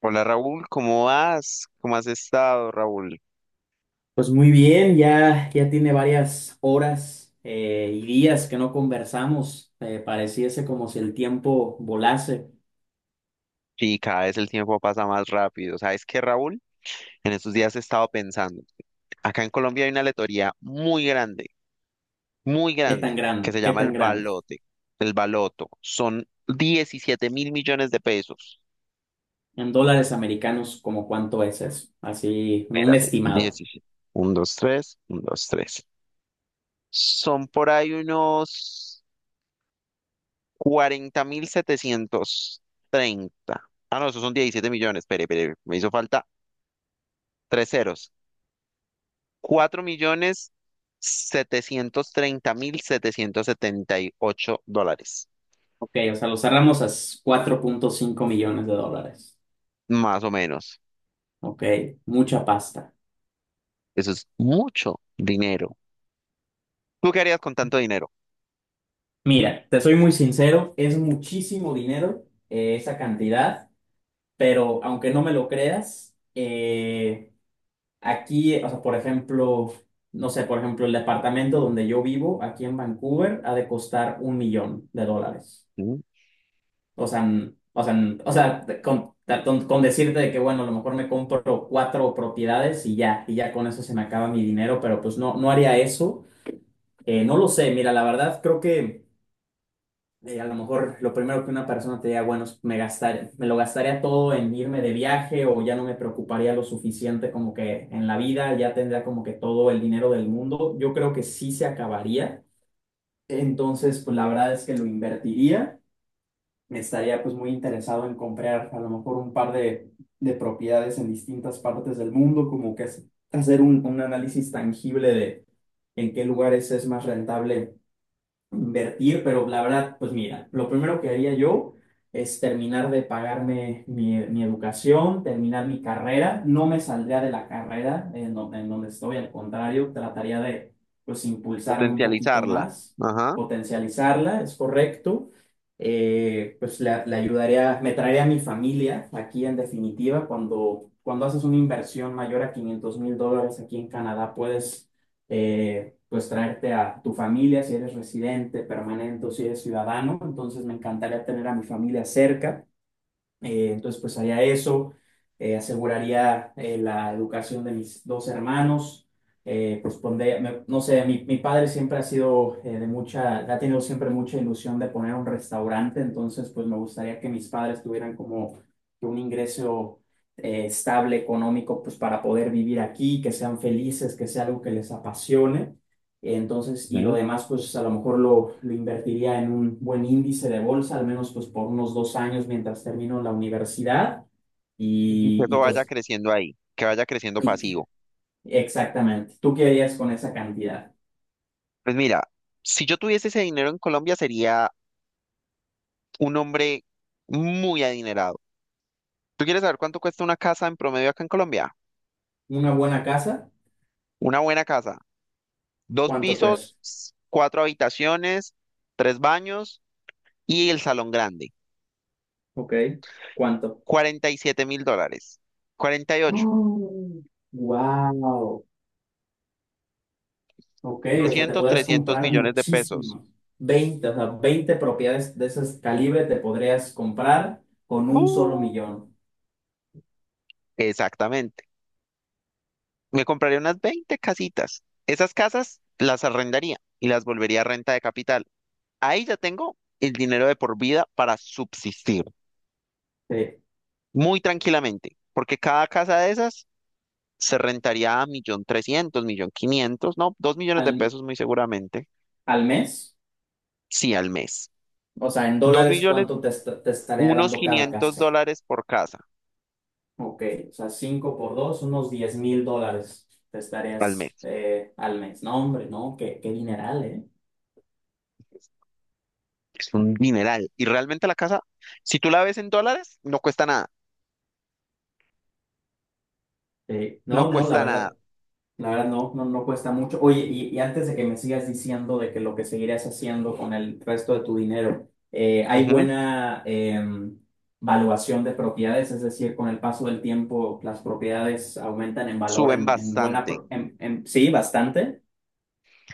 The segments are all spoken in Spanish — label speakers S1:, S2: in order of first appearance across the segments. S1: Hola Raúl, ¿cómo vas? ¿Cómo has estado, Raúl?
S2: Pues muy bien, ya tiene varias horas y días que no conversamos. Pareciese como si el tiempo volase.
S1: Y cada vez el tiempo pasa más rápido. ¿Sabes qué, Raúl? En estos días he estado pensando. Acá en Colombia hay una lotería muy
S2: ¿Qué tan
S1: grande, que
S2: grande?
S1: se
S2: ¿Qué
S1: llama el
S2: tan grande?
S1: Balote, el Baloto. Son 17.000.000.000 de pesos.
S2: En dólares americanos, ¿como cuánto es eso? Así, un
S1: Espérate,
S2: estimado.
S1: diecisiete, uno dos, tres, uno dos, tres. Son por ahí unos 40.730. Ah, no, esos son 17.000.000. Espere, espere, me hizo falta tres ceros. $4.730.778,
S2: Ok, o sea, lo cerramos a 4.5 millones de dólares.
S1: más o menos.
S2: Ok, mucha pasta.
S1: Eso es mucho dinero. ¿Tú qué harías con tanto dinero?
S2: Mira, te soy muy sincero, es muchísimo dinero esa cantidad, pero aunque no me lo creas, aquí, o sea, por ejemplo, no sé, por ejemplo, el departamento donde yo vivo, aquí en Vancouver, ha de costar un millón de dólares.
S1: ¿Mm?
S2: O sea, o sea, o sea, con decirte de que, bueno, a lo mejor me compro cuatro propiedades y ya con eso se me acaba mi dinero, pero pues no, no haría eso. No lo sé, mira, la verdad creo que a lo mejor lo primero que una persona te diga, bueno, es me lo gastaría todo en irme de viaje o ya no me preocuparía lo suficiente como que en la vida ya tendría como que todo el dinero del mundo. Yo creo que sí se acabaría. Entonces, pues la verdad es que lo invertiría. Me estaría pues muy interesado en comprar a lo mejor un par de propiedades en distintas partes del mundo, como que hacer un análisis tangible de en qué lugares es más rentable invertir, pero la verdad, pues mira, lo primero que haría yo es terminar de pagarme mi educación, terminar mi carrera, no me saldría de la carrera en donde estoy, al contrario, trataría de, pues, impulsarme un poquito
S1: Potencializarla.
S2: más,
S1: Ajá.
S2: potencializarla, es correcto. Pues le ayudaría, me traería a mi familia aquí en definitiva, cuando haces una inversión mayor a 500.000 dólares aquí en Canadá, puedes pues traerte a tu familia si eres residente permanente o si eres ciudadano. Entonces me encantaría tener a mi familia cerca. Entonces, pues haría eso, aseguraría la educación de mis dos hermanos, pues pondría, no sé, mi padre siempre ha sido ha tenido siempre mucha ilusión de poner un restaurante, entonces pues me gustaría que mis padres tuvieran como que un ingreso estable económico, pues para poder vivir aquí, que sean felices, que sea algo que les apasione. Entonces, y lo
S1: Ujú.
S2: demás, pues a lo mejor lo invertiría en un buen índice de bolsa, al menos pues por unos 2 años mientras termino la universidad.
S1: Y que
S2: Y, y,
S1: eso vaya
S2: pues,
S1: creciendo ahí, que vaya creciendo
S2: y-
S1: pasivo.
S2: exactamente. ¿Tú qué harías con esa cantidad?
S1: Pues mira, si yo tuviese ese dinero en Colombia sería un hombre muy adinerado. ¿Tú quieres saber cuánto cuesta una casa en promedio acá en Colombia?
S2: ¿Una buena casa?
S1: Una buena casa. Dos
S2: ¿Cuánto cuesta?
S1: pisos, cuatro habitaciones, tres baños y el salón grande,
S2: Ok. ¿Cuánto?
S1: $47.000. Cuarenta y ocho,
S2: Wow. Ok, o sea, te
S1: doscientos
S2: podrías
S1: trescientos
S2: comprar
S1: millones de pesos.
S2: muchísimo. Veinte o sea, 20 propiedades de ese calibre te podrías comprar con un solo
S1: ¡Bu!
S2: millón.
S1: Exactamente. Me compraría unas 20 casitas. Esas casas las arrendaría y las volvería a renta de capital. Ahí ya tengo el dinero de por vida para subsistir
S2: Sí.
S1: muy tranquilamente, porque cada casa de esas se rentaría a millón trescientos, millón quinientos, no, dos millones de
S2: ¿Al,
S1: pesos muy seguramente,
S2: al mes?
S1: sí, al mes.
S2: O sea, en
S1: Dos
S2: dólares,
S1: millones,
S2: ¿cuánto te estaría
S1: unos
S2: dando cada
S1: 500
S2: casa?
S1: dólares por casa.
S2: Ok, o sea, 5 por 2, unos 10.000 dólares te
S1: Al
S2: estarías
S1: mes.
S2: al mes. No, hombre, no, qué, qué dineral, ¿eh?
S1: Es un dineral. Y realmente la casa, si tú la ves en dólares, no cuesta nada.
S2: Sí.
S1: No
S2: No, no,
S1: cuesta nada.
S2: la verdad no cuesta mucho. Oye, y antes de que me sigas diciendo de que lo que seguirás haciendo con el resto de tu dinero, ¿hay
S1: Ujú.
S2: buena valuación de propiedades? Es decir, con el paso del tiempo, las propiedades aumentan en valor
S1: Suben
S2: en buena,
S1: bastante.
S2: pro- en- sí, bastante.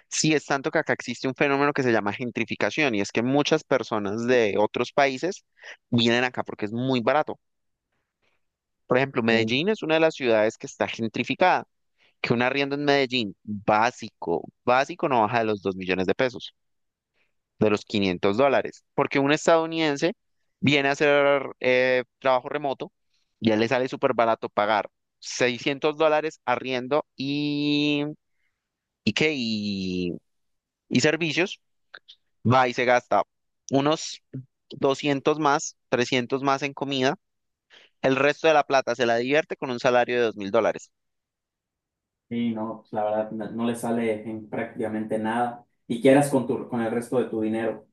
S1: Sí, es tanto que acá existe un fenómeno que se llama gentrificación y es que muchas personas de otros países vienen acá porque es muy barato. Por ejemplo, Medellín es una de las ciudades que está gentrificada, que un arriendo en Medellín básico, básico no baja de los 2.000.000 de pesos, de los $500, porque un estadounidense viene a hacer trabajo remoto y a él le sale súper barato pagar $600 arriendo y, qué, y servicios, va y se gasta unos 200 más, 300 más en comida, el resto de la plata se la divierte con un salario de $2.000.
S2: Sí, no, pues, la verdad no, no le sale en prácticamente nada. Y quieras con con el resto de tu dinero.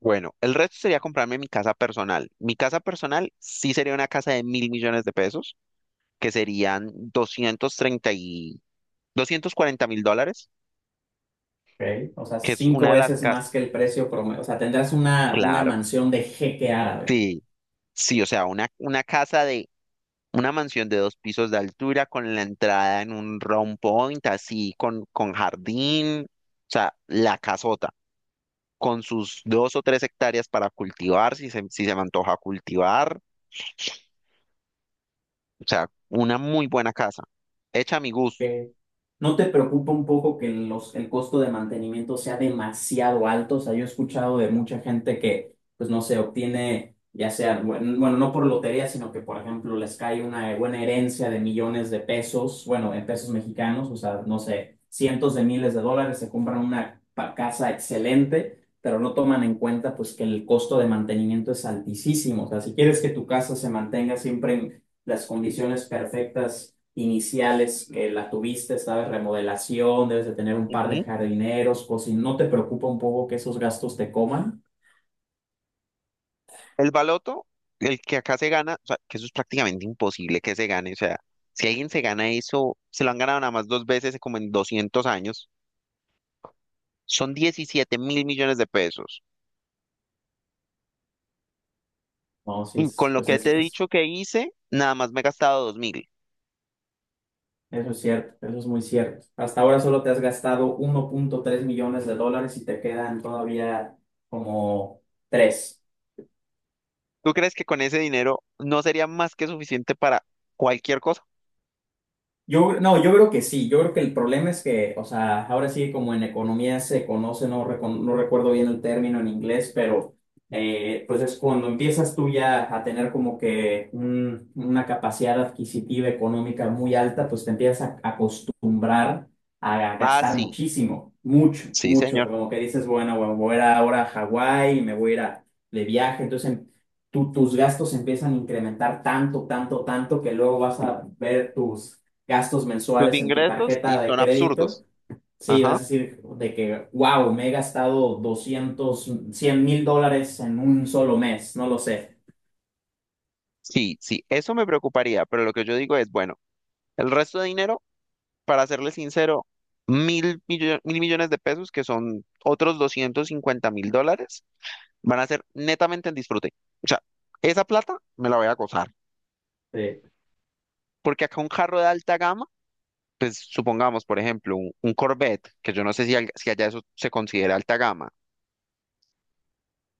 S1: Bueno, el resto sería comprarme mi casa personal. Mi casa personal sí sería una casa de 1.000.000.000 de pesos, que serían 235, $240.000,
S2: Ok. O sea,
S1: que es una
S2: cinco
S1: de las
S2: veces
S1: casas.
S2: más que el precio promedio. O sea, tendrás una
S1: Claro,
S2: mansión de jeque árabe.
S1: sí, sí, o sea, una casa de una mansión de dos pisos de altura con la entrada en un round point, así, con jardín, o sea, la casota, con sus dos o tres hectáreas para cultivar, si se me antoja cultivar, o sea, una muy buena casa, hecha a mi gusto.
S2: Ok. ¿No te preocupa un poco que el costo de mantenimiento sea demasiado alto? O sea, yo he escuchado de mucha gente que, pues no sé, obtiene, ya sea, bueno, bueno, no por lotería, sino que, por ejemplo, les cae una buena herencia de millones de pesos, bueno, en pesos mexicanos, o sea, no sé, cientos de miles de dólares, se compran una casa excelente, pero no toman en cuenta, pues, que el costo de mantenimiento es altísimo. O sea, si quieres que tu casa se mantenga siempre en las condiciones perfectas, iniciales que la tuviste, sabes, remodelación, debes de tener un par de jardineros, o si no te preocupa un poco que esos gastos te coman.
S1: El baloto, el que acá se gana, o sea, que eso es prácticamente imposible que se gane. O sea, si alguien se gana eso, se lo han ganado nada más dos veces como en 200 años. Son 17 mil millones de pesos.
S2: No, si
S1: Y con
S2: es,
S1: lo
S2: pues
S1: que te he dicho que hice, nada más me he gastado 2.000.
S2: eso es cierto, eso es muy cierto. Hasta ahora solo te has gastado 1.3 millones de dólares y te quedan todavía como tres.
S1: ¿Tú crees que con ese dinero no sería más que suficiente para cualquier cosa?
S2: Yo, no, yo creo que sí, yo creo que el problema es que, o sea, ahora sí como en economía se conoce, no, no recuerdo bien el término en inglés, pero pues es cuando empiezas tú ya a tener como que una capacidad adquisitiva económica muy alta, pues te empiezas a acostumbrar a
S1: Ah,
S2: gastar
S1: sí,
S2: muchísimo, mucho,
S1: sí,
S2: mucho, o
S1: señor.
S2: sea, como que dices, bueno, bueno, voy a ir ahora a Hawái, me voy a ir de viaje, entonces tus gastos empiezan a incrementar tanto, tanto, tanto que luego vas a ver tus gastos
S1: Tus
S2: mensuales en tu
S1: ingresos y
S2: tarjeta de
S1: son absurdos.
S2: crédito, sí, vas
S1: Ajá.
S2: a decir de que, wow, me he gastado 200 100 mil dólares en un solo mes, no lo sé.
S1: Sí, sí, eso me preocuparía, pero lo que yo digo es, bueno, el resto de dinero, para serle sincero, 1.000.000.000 de pesos, que son otros $250.000, van a ser netamente en disfrute. O sea, esa plata me la voy a gozar,
S2: Sí.
S1: porque acá un carro de alta gama, pues supongamos, por ejemplo, un Corvette, que yo no sé si allá eso se considera alta gama,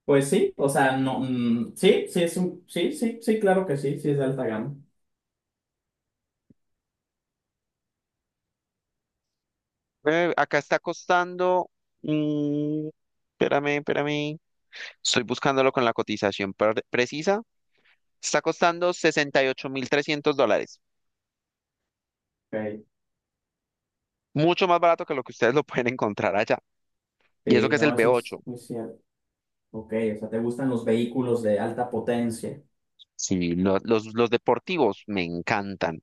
S2: Pues sí, o sea, no, mm, sí, sí, sí, sí, sí, claro que sí, sí es de alta gama.
S1: acá está costando... mm, espérame, espérame. Estoy buscándolo con la cotización precisa. Está costando $68.300.
S2: Ok.
S1: Mucho más barato que lo que ustedes lo pueden encontrar allá. Y eso
S2: Sí,
S1: que es el
S2: no, eso
S1: B8.
S2: es muy cierto. Ok, o sea, te gustan los vehículos de alta potencia.
S1: Sí, los deportivos me encantan.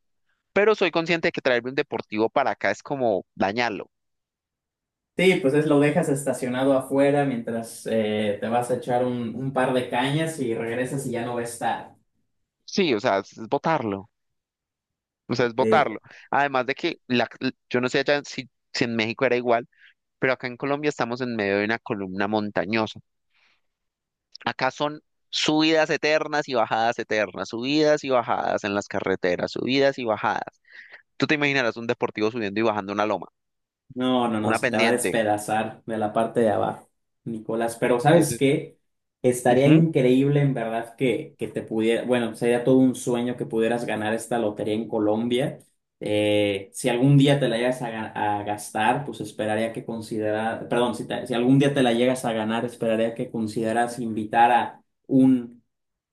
S1: Pero soy consciente de que traerme un deportivo para acá es como dañarlo.
S2: Sí, pues es lo dejas estacionado afuera mientras te vas a echar un par de cañas y regresas y ya no va a estar.
S1: Sí, o sea, es botarlo. O sea, es
S2: Sí.
S1: botarlo. Además de que yo no sé allá si, si en México era igual, pero acá en Colombia estamos en medio de una columna montañosa. Acá son subidas eternas y bajadas eternas, subidas y bajadas en las carreteras, subidas y bajadas. Tú te imaginarás un deportivo subiendo y bajando una loma,
S2: No, no, no,
S1: una
S2: se te va a
S1: pendiente.
S2: despedazar de la parte de abajo, Nicolás. Pero ¿sabes
S1: Ese
S2: qué? Estaría
S1: ujú,
S2: increíble en verdad que te pudiera, bueno, sería todo un sueño que pudieras ganar esta lotería en Colombia. Si algún día te la llegas a gastar, pues esperaría que considerar, perdón, si algún día te la llegas a ganar, esperaría que consideras invitar a un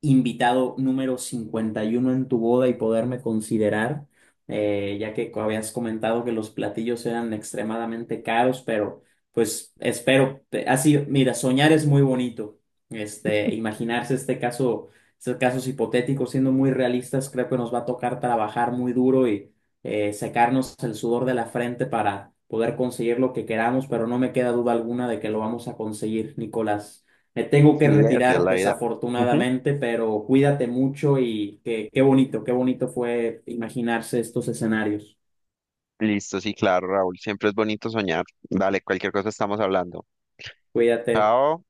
S2: invitado número 51 en tu boda y poderme considerar ya que habías comentado que los platillos eran extremadamente caros, pero pues espero, así, mira, soñar es muy bonito, este, imaginarse este caso, estos casos hipotéticos siendo muy realistas, creo que nos va a tocar trabajar muy duro y secarnos el sudor de la frente para poder conseguir lo que queramos, pero no me queda duda alguna de que lo vamos a conseguir, Nicolás. Me tengo que
S1: sí, así es
S2: retirar
S1: la vida.
S2: desafortunadamente, pero cuídate mucho y qué bonito, qué bonito fue imaginarse estos escenarios.
S1: Listo, sí, claro, Raúl. Siempre es bonito soñar. Dale, cualquier cosa estamos hablando.
S2: Cuídate.
S1: Chao.